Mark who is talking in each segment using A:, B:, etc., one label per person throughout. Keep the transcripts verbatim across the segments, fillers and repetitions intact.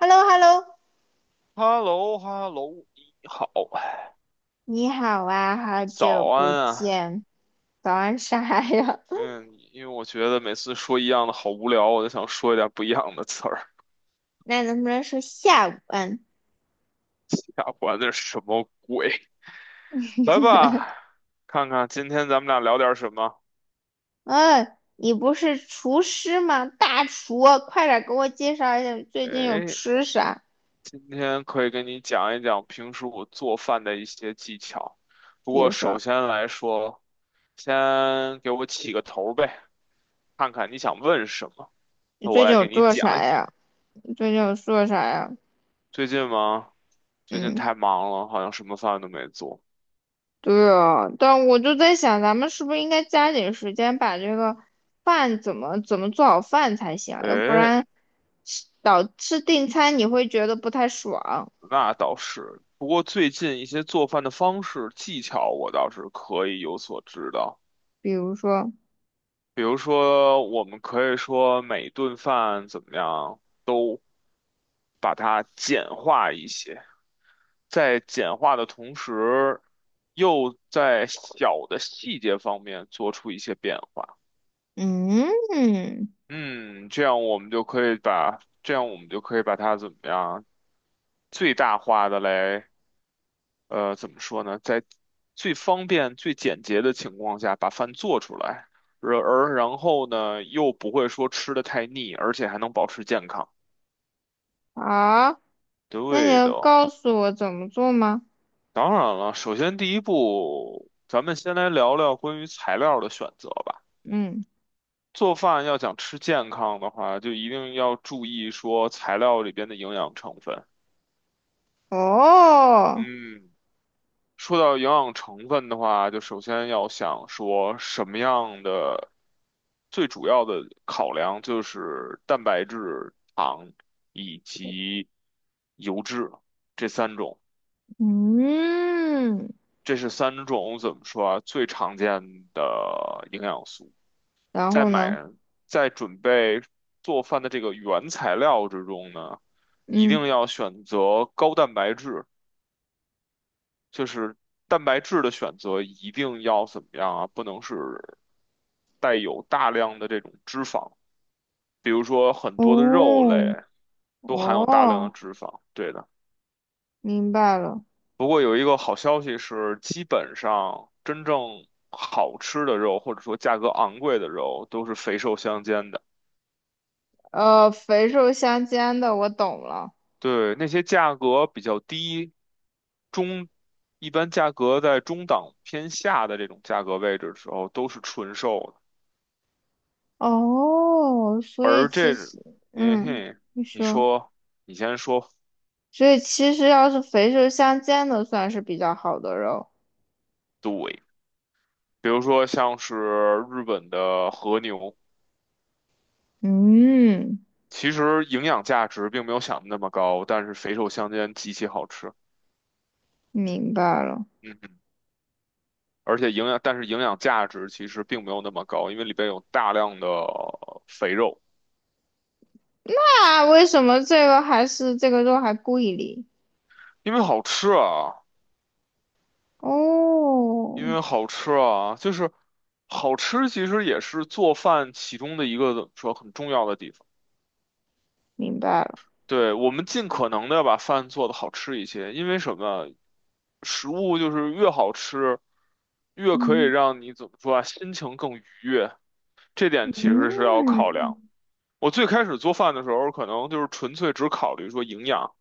A: h e l l o h e l l o
B: h e l l o h e l l o 你好，
A: 你好啊，好久
B: 早
A: 不
B: 安啊。
A: 见，早安啥呀？
B: 嗯，因为我觉得每次说一样的好无聊，我就想说一点不一样的词儿。
A: 那能不能说下午安？
B: 下管那是什么鬼？来 吧，看看今天咱们俩聊点什么。
A: 嗯，你不是厨师吗？大厨啊，快点给我介绍一下你最近有
B: 哎，
A: 吃啥？
B: 今天可以跟你讲一讲平时我做饭的一些技巧。不
A: 比
B: 过
A: 如
B: 首
A: 说
B: 先来说，先给我起个头呗，看看你想问什么，
A: 你
B: 那我
A: 最近
B: 来
A: 有
B: 给你
A: 做
B: 讲一
A: 啥
B: 讲。
A: 呀？你最近有做啥呀？
B: 最近吗？最近
A: 嗯，
B: 太忙了，好像什么饭都没做。
A: 对哦，但我就在想，咱们是不是应该加紧时间把这个饭怎么怎么做好饭才行啊要不
B: 诶，
A: 然吃导吃订餐你会觉得不太爽。
B: 那倒是。不过最近一些做饭的方式技巧，我倒是可以有所知道。
A: 比如说，
B: 比如说，我们可以说每顿饭怎么样把它简化一些，在简化的同时，又在小的细节方面做出一些变化。
A: 嗯，
B: 嗯，这样我们就可以把，这样我们就可以把它怎么样？最大化的来，呃，怎么说呢，在最方便、最简洁的情况下把饭做出来，而而然后呢，又不会说吃的太腻，而且还能保持健康。
A: 好，那你
B: 对
A: 能
B: 的，
A: 告诉我怎么做吗？
B: 当然了，首先第一步，咱们先来聊聊关于材料的选择吧。
A: 嗯，
B: 做饭要想吃健康的话，就一定要注意说材料里边的营养成分。
A: 哦，
B: 嗯。说到营养成分的话，就首先要想说什么样的最主要的考量就是蛋白质、糖以及油脂这三种，
A: 嗯，
B: 这是三种怎么说啊？最常见的营养素。
A: 然
B: 在
A: 后
B: 买
A: 呢？
B: 在准备做饭的这个原材料之中呢，一定
A: 嗯，
B: 要选择高蛋白质。就是蛋白质的选择一定要怎么样啊？不能是带有大量的这种脂肪，比如说很多的肉类
A: 哦，
B: 都含有大量的
A: 哦，
B: 脂肪，对的。
A: 明白了。
B: 不过有一个好消息是，基本上真正好吃的肉，或者说价格昂贵的肉，都是肥瘦相间的。
A: 呃，肥瘦相间的，我懂了。
B: 对，那些价格比较低，中，一般价格在中档偏下的这种价格位置的时候，都是纯瘦的。
A: 哦，所以
B: 而
A: 其
B: 这，
A: 实，
B: 嗯
A: 嗯，
B: 哼，
A: 你
B: 你
A: 说，
B: 说，你先说，
A: 所以其实要是肥瘦相间的，算是比较好的肉。
B: 对，比如说像是日本的和牛，
A: 嗯，
B: 其实营养价值并没有想的那么高，但是肥瘦相间，极其好吃。
A: 明白了。
B: 嗯哼，而且营养，但是营养价值其实并没有那么高，因为里边有大量的肥肉。
A: 啊，为什么这个还是这个肉还贵哩？
B: 因为好吃啊，因
A: 哦，
B: 为好吃啊，就是好吃，其实也是做饭其中的一个说很重要的地方。
A: 明白了，
B: 对，我们尽可能的要把饭做得好吃一些，因为什么？食物就是越好吃，越可以
A: 嗯
B: 让你怎么说啊，心情更愉悦。这点其实是要考
A: 嗯，
B: 量。我最开始做饭的时候，可能就是纯粹只考虑说营养，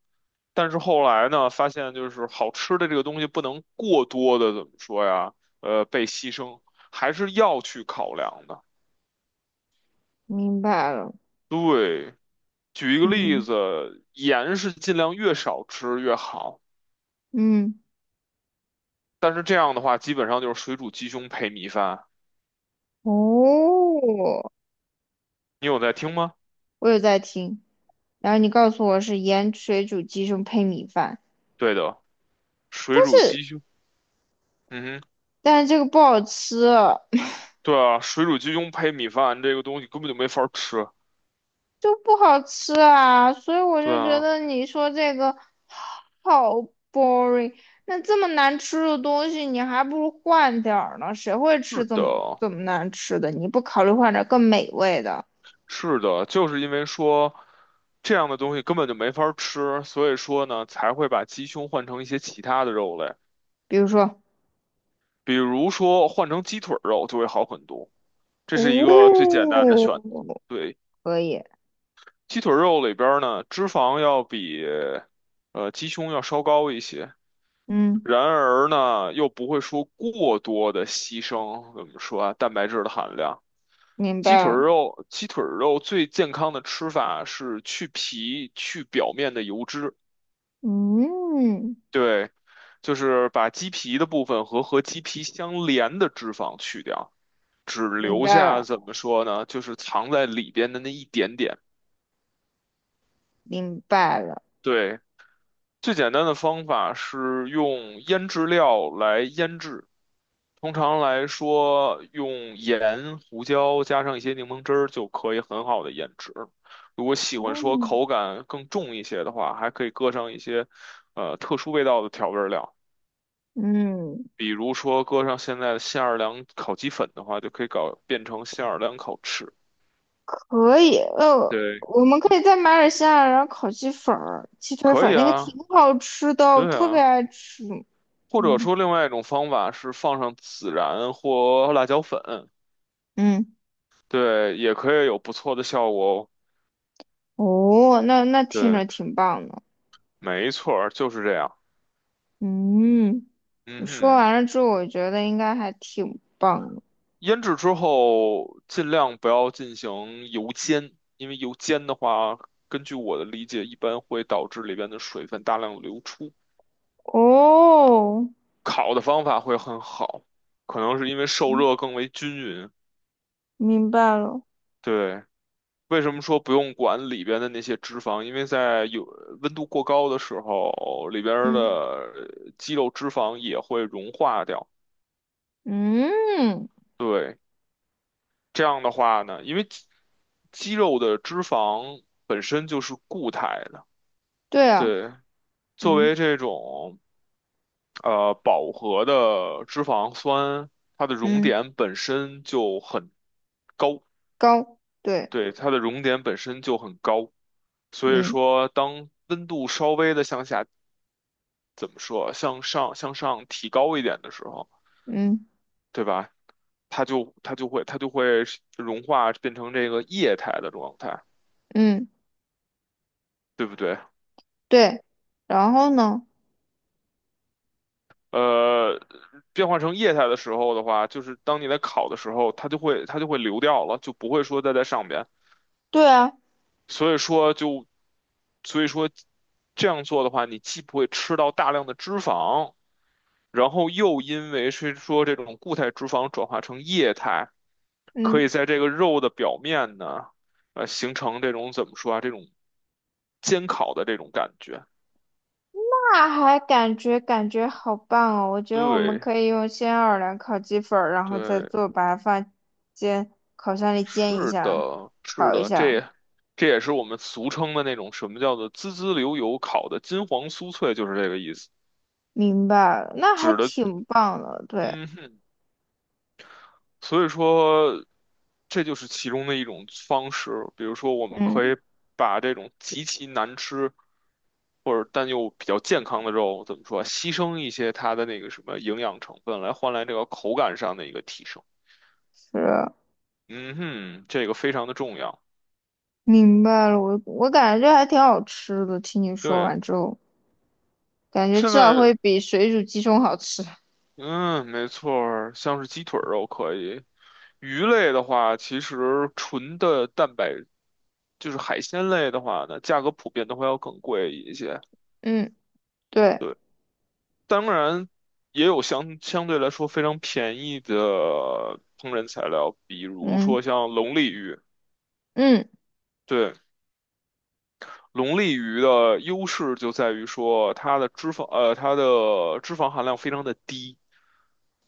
B: 但是后来呢，发现就是好吃的这个东西不能过多的怎么说呀，呃，被牺牲，还是要去考量的。
A: 明白了，
B: 对，举一个例
A: 嗯
B: 子，盐是尽量越少吃越好。
A: 嗯，
B: 但是这样的话，基本上就是水煮鸡胸配米饭。
A: 哦，
B: 你有在听吗？
A: 我有在听。然后你告诉我是盐水煮鸡胸配米饭，
B: 对的，水
A: 但
B: 煮
A: 是
B: 鸡胸，嗯哼，
A: 但是这个不好吃，
B: 对啊，水煮鸡胸配米饭这个东西根本就没法儿吃。
A: 就不好吃啊，所以我
B: 对
A: 就觉
B: 啊，
A: 得你说这个好 boring。那这么难吃的东西，你还不如换点儿呢。谁会吃
B: 是
A: 这
B: 的，
A: 么这么难吃的？你不考虑换点儿更美味的，
B: 是的，就是因为说这样的东西根本就没法儿吃，所以说呢，才会把鸡胸换成一些其他的肉类，
A: 比如说，
B: 比如说换成鸡腿儿肉就会好很多。这是一个最简
A: 哦，
B: 单的选，对，
A: 可以，
B: 鸡腿儿肉里边儿呢，脂肪要比呃鸡胸要稍高一些。
A: 嗯，
B: 然而呢，又不会说过多的牺牲，怎么说啊？蛋白质的含量，
A: 明
B: 鸡
A: 白
B: 腿儿
A: 了，
B: 肉，鸡腿儿肉最健康的吃法是去皮，去表面的油脂，
A: 嗯，
B: 对，就是把鸡皮的部分和和鸡皮相连的脂肪去掉，只
A: 明
B: 留
A: 白
B: 下
A: 了，
B: 怎么说呢？就是藏在里边的那一点点。
A: 明白了，
B: 对，最简单的方法是用腌制料来腌制，通常来说用盐、胡椒加上一些柠檬汁儿就可以很好的腌制。如果喜欢
A: 哦，
B: 说口感更重一些的话，还可以搁上一些呃特殊味道的调味儿料，
A: 嗯。
B: 比如说搁上现在的新奥尔良烤鸡粉的话，就可以搞变成新奥尔良烤翅。
A: 可以，呃，
B: 对，
A: 我们可以再买点西亚，然后烤鸡粉儿、鸡腿
B: 可
A: 粉儿，
B: 以
A: 那个挺
B: 啊，
A: 好吃的，我
B: 对
A: 特别
B: 啊，
A: 爱吃。
B: 或者
A: 嗯
B: 说另外一种方法是放上孜然或辣椒粉。
A: 嗯，
B: 对，也可以有不错的效果哦。
A: 哦，那那听
B: 对，
A: 着挺棒的。
B: 没错儿，就是这样。
A: 嗯，你
B: 嗯
A: 说
B: 哼，
A: 完了之后，我觉得应该还挺棒的。
B: 腌制之后尽量不要进行油煎，因为油煎的话，根据我的理解，一般会导致里边的水分大量流出。
A: 哦，
B: 烤的方法会很好，可能是因为受
A: 嗯
B: 热更为均匀。
A: 明白了。
B: 对，为什么说不用管里边的那些脂肪？因为在有温度过高的时候，里边儿的
A: 嗯
B: 呃肌肉脂肪也会融化掉。
A: 嗯，
B: 对。这样的话呢，因为肌肌肉的脂肪本身就是固态的，
A: 对啊，
B: 对，作为
A: 嗯
B: 这种呃饱和的脂肪酸，它的熔
A: 嗯，
B: 点本身就很高，
A: 高，对，
B: 对，它的熔点本身就很高，所以
A: 嗯
B: 说当温度稍微的向下，怎么说，向上向上提高一点的时候，
A: 嗯
B: 对吧？它就它就会它就会融化变成这个液态的状态，
A: 嗯，
B: 对不对？
A: 对。然后呢？
B: 呃，变化成液态的时候的话，就是当你在烤的时候，它就会它就会流掉了，就不会说再在上边。
A: 对啊，
B: 所以说就，所以说这样做的话，你既不会吃到大量的脂肪，然后又因为是说这种固态脂肪转化成液态，可以
A: 嗯。
B: 在这个肉的表面呢，呃，形成这种怎么说啊，这种煎烤的这种感觉。
A: 那还感觉感觉好棒哦！我觉得我们
B: 对
A: 可以用鲜奥尔良烤鸡粉儿，然后再
B: 对，
A: 做，白饭，煎烤箱里煎一
B: 是
A: 下，
B: 的，是
A: 烤一
B: 的，这
A: 下。
B: 也这也是我们俗称的那种什么叫做滋滋流油烤的金黄酥脆，就是这个意思，
A: 明白了，那还
B: 指的，
A: 挺棒的。对，
B: 嗯哼，所以说这就是其中的一种方式。比如说，我们可
A: 嗯，
B: 以把这种极其难吃或者但又比较健康的肉，怎么说啊，牺牲一些它的那个什么营养成分，来换来这个口感上的一个提升。
A: 是
B: 嗯哼，这个非常的重要。
A: 明白了。我我感觉这还挺好吃的。听你说
B: 对，
A: 完之后，感觉至
B: 现
A: 少
B: 在。
A: 会比水煮鸡胸好吃。
B: 嗯，没错儿，像是鸡腿儿肉可以。鱼类的话，其实纯的蛋白就是海鲜类的话呢，价格普遍都会要更贵一些。
A: 嗯，对，
B: 当然，也有相相对来说非常便宜的烹饪材料，比如
A: 嗯
B: 说像龙利鱼。
A: 嗯，
B: 对，龙利鱼的优势就在于说它的脂肪，呃，它的脂肪含量非常的低。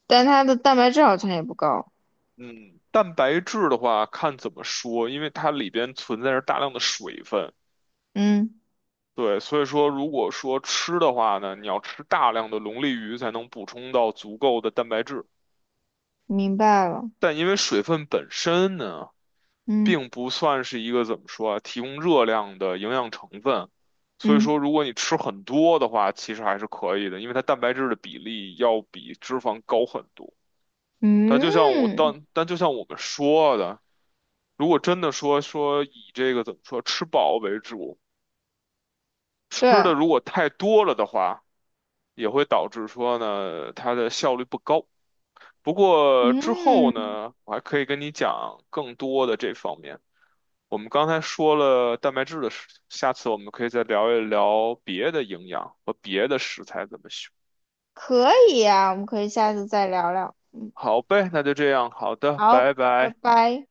A: 但它的蛋白质好像也不高。
B: 嗯，蛋白质的话，看怎么说，因为它里边存在着大量的水分，
A: 嗯，
B: 对，所以说如果说吃的话呢，你要吃大量的龙利鱼才能补充到足够的蛋白质，
A: 明白了。
B: 但因为水分本身呢，
A: 嗯
B: 并不算是一个怎么说啊，提供热量的营养成分，所以说
A: 嗯。
B: 如果你吃很多的话，其实还是可以的，因为它蛋白质的比例要比脂肪高很多。但就像我，
A: 嗯
B: 但但就像我们说的。如果真的说说以这个怎么说吃饱为主，吃
A: 对，
B: 的如果太多了的话，也会导致说呢它的效率不高。不过之后
A: 嗯，
B: 呢，我还可以跟你讲更多的这方面。我们刚才说了蛋白质的事情，下次我们可以再聊一聊别的营养和别的食材怎么选。
A: 可以啊，我们可以下次再聊聊。
B: 好呗，那就这样，好的，
A: 好，
B: 拜
A: 拜
B: 拜。
A: 拜。